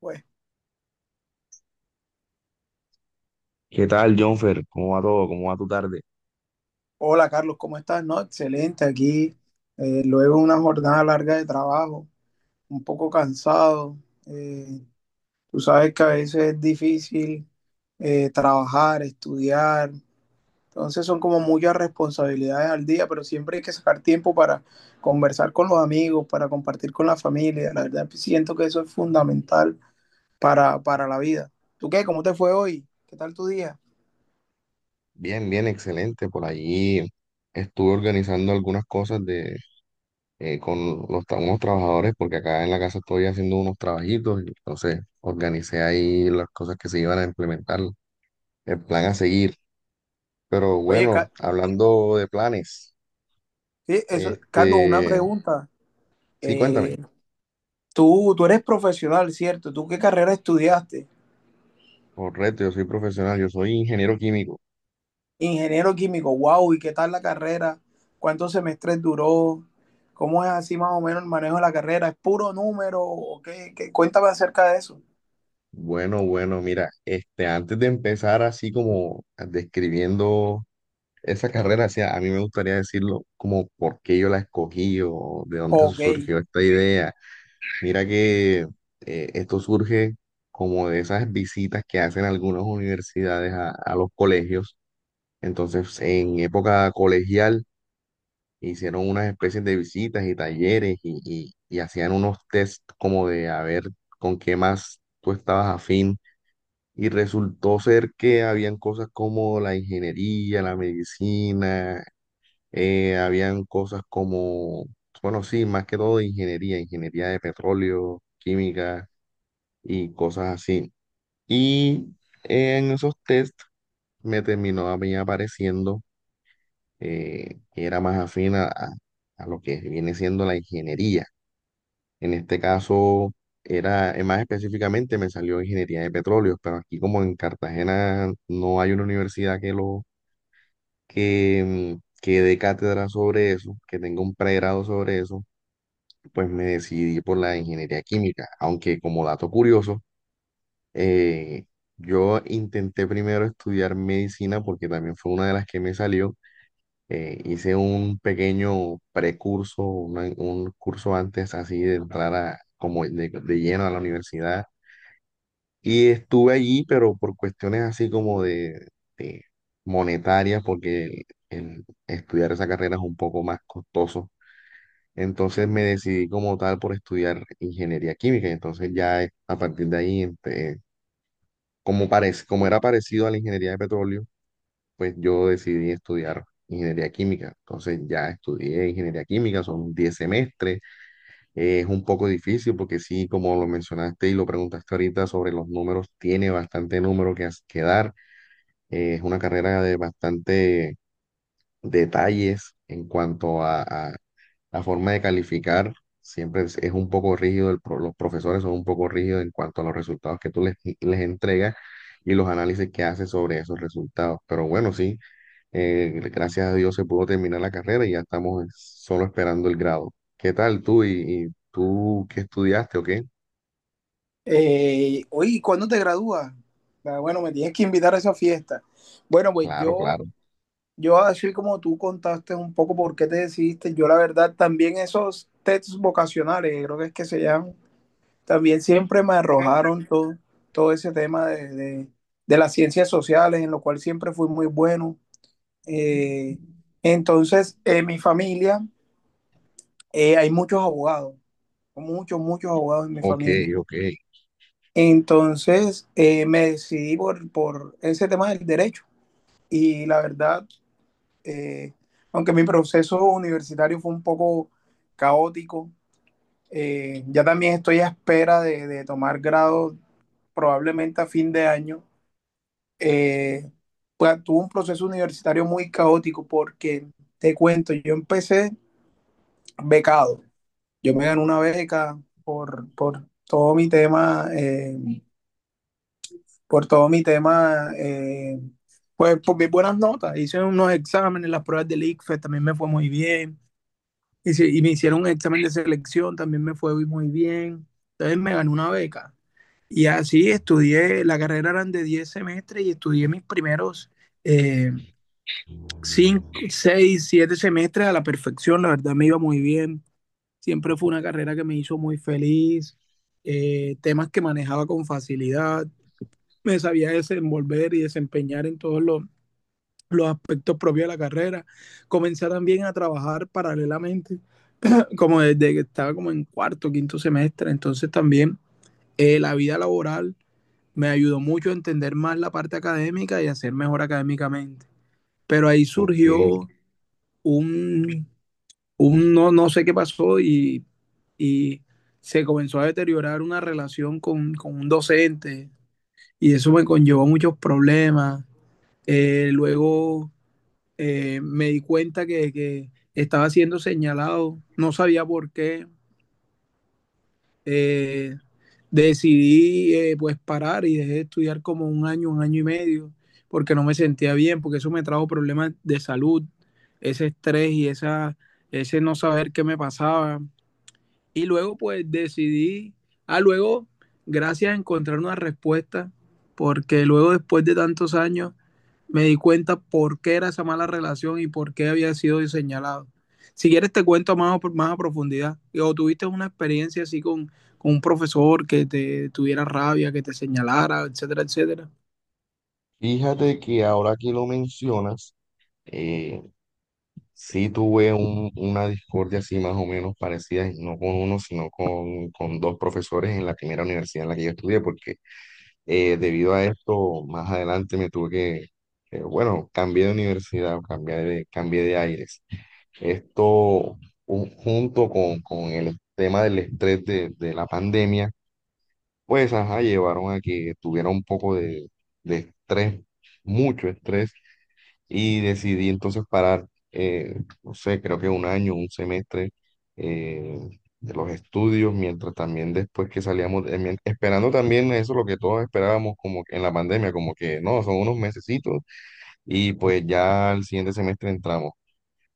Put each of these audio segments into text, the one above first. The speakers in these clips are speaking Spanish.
Pues, ¿Qué tal, Jonfer? ¿Cómo va todo? ¿Cómo va tu tarde? hola Carlos, ¿cómo estás? No, excelente, aquí luego de una jornada larga de trabajo, un poco cansado. eh, Tú sabes que a veces es difícil trabajar, estudiar, entonces son como muchas responsabilidades al día, pero siempre hay que sacar tiempo para conversar con los amigos, para compartir con la familia. La verdad, siento que eso es fundamental para la vida. ¿Tú qué? ¿Cómo te fue hoy? ¿Qué tal tu día? Bien, bien, excelente. Por allí estuve organizando algunas cosas con unos trabajadores, porque acá en la casa estoy haciendo unos trabajitos, y entonces organicé ahí las cosas que se iban a implementar, el plan a seguir. Pero Oye, bueno, Ca- hablando de planes, sí, eso, Carlos, una este, pregunta. sí, eh, cuéntame. tú eres profesional, ¿cierto? ¿Tú qué carrera estudiaste? Correcto, yo soy profesional, yo soy ingeniero químico. Ingeniero químico, wow, ¿y qué tal la carrera? ¿Cuántos semestres duró? ¿Cómo es así más o menos el manejo de la carrera? ¿Es puro número? ¿O qué? ¿Qué? Cuéntame acerca de eso. Bueno, bueno, mira, antes de empezar así como describiendo esa carrera, sí, a mí me gustaría decirlo como por qué yo la escogí o de dónde Ok. surgió esta idea. Mira que esto surge como de esas visitas que hacen algunas universidades a los colegios. Entonces, en época colegial hicieron unas especies de visitas y talleres y hacían unos test como de a ver con qué más tú estabas afín. Y resultó ser que habían cosas como la ingeniería, la medicina, habían cosas como, bueno, sí, más que todo de ingeniería, ingeniería de petróleo, química y cosas así. Y en esos test me terminó a mí apareciendo, que era más afín a lo que viene siendo la ingeniería. En este caso, más específicamente me salió ingeniería de petróleo, pero aquí como en Cartagena no hay una universidad que lo, que dé cátedra sobre eso, que tenga un pregrado sobre eso, pues me decidí por la ingeniería química, aunque como dato curioso, eh, yo intenté primero estudiar medicina porque también fue una de las que me salió. Hice un pequeño precurso, un curso antes así de entrar como de lleno a la universidad, y estuve allí, pero por cuestiones así como de monetarias, porque el estudiar esa carrera es un poco más costoso. Entonces me decidí como tal por estudiar ingeniería química. Y entonces ya, a partir de ahí, como parece, como era parecido a la ingeniería de petróleo, pues yo decidí estudiar ingeniería química. Entonces ya estudié ingeniería química, son 10 semestres. Es un poco difícil porque sí, como lo mencionaste y lo preguntaste ahorita sobre los números, tiene bastante número que dar. Es una carrera de bastante detalles en cuanto a la forma de calificar. Siempre es un poco rígido, los profesores son un poco rígidos en cuanto a los resultados que tú les entregas y los análisis que haces sobre esos resultados. Pero bueno, sí, gracias a Dios se pudo terminar la carrera y ya estamos solo esperando el grado. ¿Qué tal tú, y tú qué estudiaste o qué? Oye, ¿cuándo te gradúas? Ah, bueno, me tienes que invitar a esa fiesta. Bueno, pues Claro, yo, claro. yo así como tú contaste un poco por qué te decidiste, yo la verdad también esos tests vocacionales, creo que es que se llaman, también siempre me arrojaron todo, todo ese tema de las ciencias sociales, en lo cual siempre fui muy bueno. Eh, entonces, en mi familia hay muchos abogados, muchos abogados en mi Ok, familia. ok, Entonces, me decidí por ese tema del derecho. Y la verdad, eh, aunque mi proceso universitario fue un poco caótico, ya también estoy a espera de tomar grado probablemente a fin de año. eh, Tuve un proceso universitario muy caótico porque, te cuento, yo empecé becado. Yo me gané una beca por todo mi tema, pues por mis buenas notas. Hice unos exámenes, las pruebas del ICFES también me fue muy bien. Me hicieron un examen de selección, también me fue muy bien. Entonces me gané una beca. Y así estudié, la carrera eran de 10 semestres y estudié mis primeros eh, cinco, seis, siete semestres a la perfección, la verdad me iba muy bien. Siempre fue una carrera que me hizo muy feliz, temas que manejaba con facilidad, me sabía desenvolver y desempeñar en los aspectos propios de la carrera. Comencé también a trabajar paralelamente, como desde que estaba como en cuarto, quinto semestre, entonces también la vida laboral me ayudó mucho a entender más la parte académica y a ser mejor académicamente. Pero ahí ok. surgió un un no, no sé qué pasó y se comenzó a deteriorar una relación con un docente y eso me conllevó muchos problemas. Luego me di cuenta que estaba siendo señalado, no sabía por qué. Eh, decidí pues parar y dejé de estudiar como un año y medio, porque no me sentía bien, porque eso me trajo problemas de salud, ese estrés y esa, ese no saber qué me pasaba. Y luego pues decidí, ah, luego, gracias a encontrar una respuesta, porque luego después de tantos años me di cuenta por qué era esa mala relación y por qué había sido señalado. Si quieres te cuento más a profundidad. O tuviste una experiencia así con un profesor que te tuviera rabia, que te señalara, etcétera, etcétera. Fíjate que ahora que lo mencionas, eh, sí tuve una discordia así más o menos parecida, y no con uno, sino con dos profesores en la primera universidad en la que yo estudié, porque debido a esto, más adelante me tuve que, bueno, cambié de universidad, cambié de aires. Esto, junto con el tema del estrés de la pandemia, pues, ajá, llevaron a que tuviera un poco de estrés, mucho estrés, y decidí entonces parar, eh, no sé, creo que un año, un semestre, eh, de los estudios, mientras también después que salíamos, esperando también eso, lo que todos esperábamos, como que en la pandemia, como que no, son unos mesecitos, y pues ya al siguiente semestre entramos.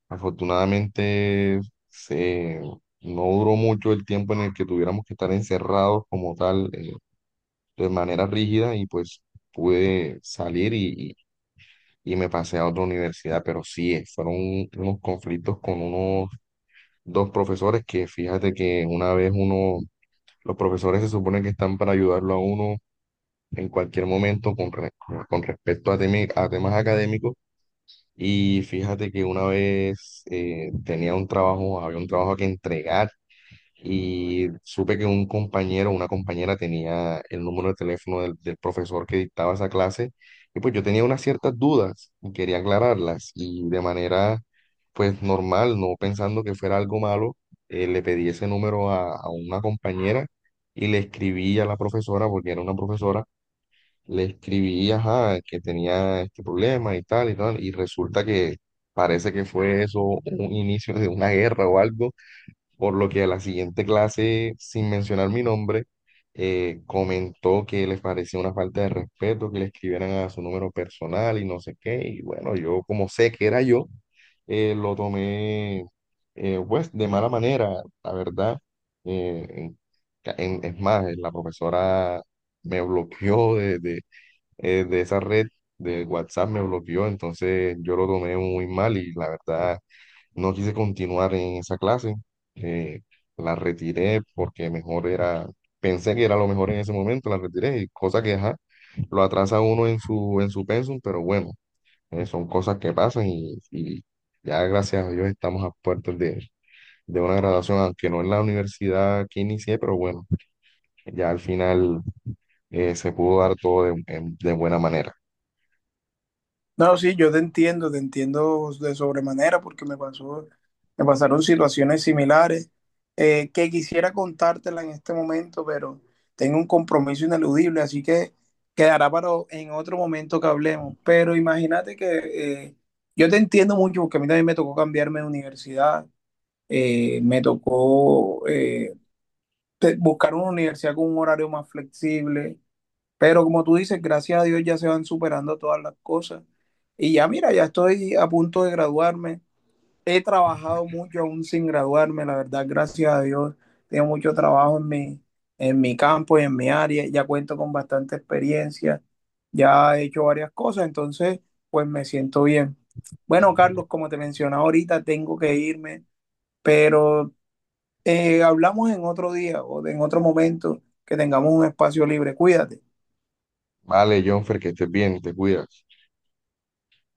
Afortunadamente se, no duró mucho el tiempo en el que tuviéramos que estar encerrados como tal, de manera rígida, y pues pude salir y me pasé a otra universidad, pero sí, fueron unos conflictos con unos dos profesores. Que fíjate que una vez los profesores se supone que están para ayudarlo a uno en cualquier momento con respecto a temas académicos. Y fíjate que una vez, había un trabajo que entregar y supe que un compañero o una compañera tenía el número de teléfono del profesor que dictaba esa clase, y pues yo tenía unas ciertas dudas y quería aclararlas y de manera pues normal, no pensando que fuera algo malo, le pedí ese número a una compañera, y le escribí a la profesora porque era una profesora, le escribí, ajá, que tenía este problema y tal y tal y resulta que... Parece que fue eso un inicio de una guerra o algo, por lo que a la siguiente clase, sin mencionar mi nombre, comentó que les parecía una falta de respeto que le escribieran a su número personal y no sé qué. Y bueno, yo como sé que era yo, lo tomé, pues, de mala manera, la verdad. Eh, en- es más, la profesora me bloqueó de esa red de WhatsApp, me bloqueó, entonces yo lo tomé muy mal y la verdad no quise continuar en esa clase, eh, la retiré porque mejor era, pensé que era lo mejor en ese momento, la retiré, y cosa que, ajá, lo atrasa uno en su, pensum, pero bueno, son cosas que pasan y ya gracias a Dios estamos a puertas de una graduación, aunque no en la universidad que inicié, pero bueno, ya al final, se pudo dar todo de buena manera. No, sí, yo te entiendo de sobremanera porque me pasó, me pasaron situaciones similares que quisiera contártela en este momento, pero tengo un compromiso ineludible, así que quedará en otro momento que hablemos. Pero imagínate que yo te entiendo mucho porque a mí también me tocó cambiarme de universidad, eh, me tocó eh, buscar una universidad con un horario más flexible, pero como tú dices, gracias a Dios ya se van superando todas las cosas. Y ya mira, ya estoy a punto de graduarme. He trabajado mucho aún sin graduarme, la verdad, gracias a Dios. Tengo mucho trabajo en en mi campo y en mi área. Ya cuento con bastante experiencia. Ya he hecho varias cosas, entonces pues me siento bien. Bueno, Carlos, como te mencionaba ahorita, tengo que irme, pero hablamos en otro día o en otro momento que tengamos un espacio libre. Cuídate. Vale, Jonfer, que estés bien, te cuidas.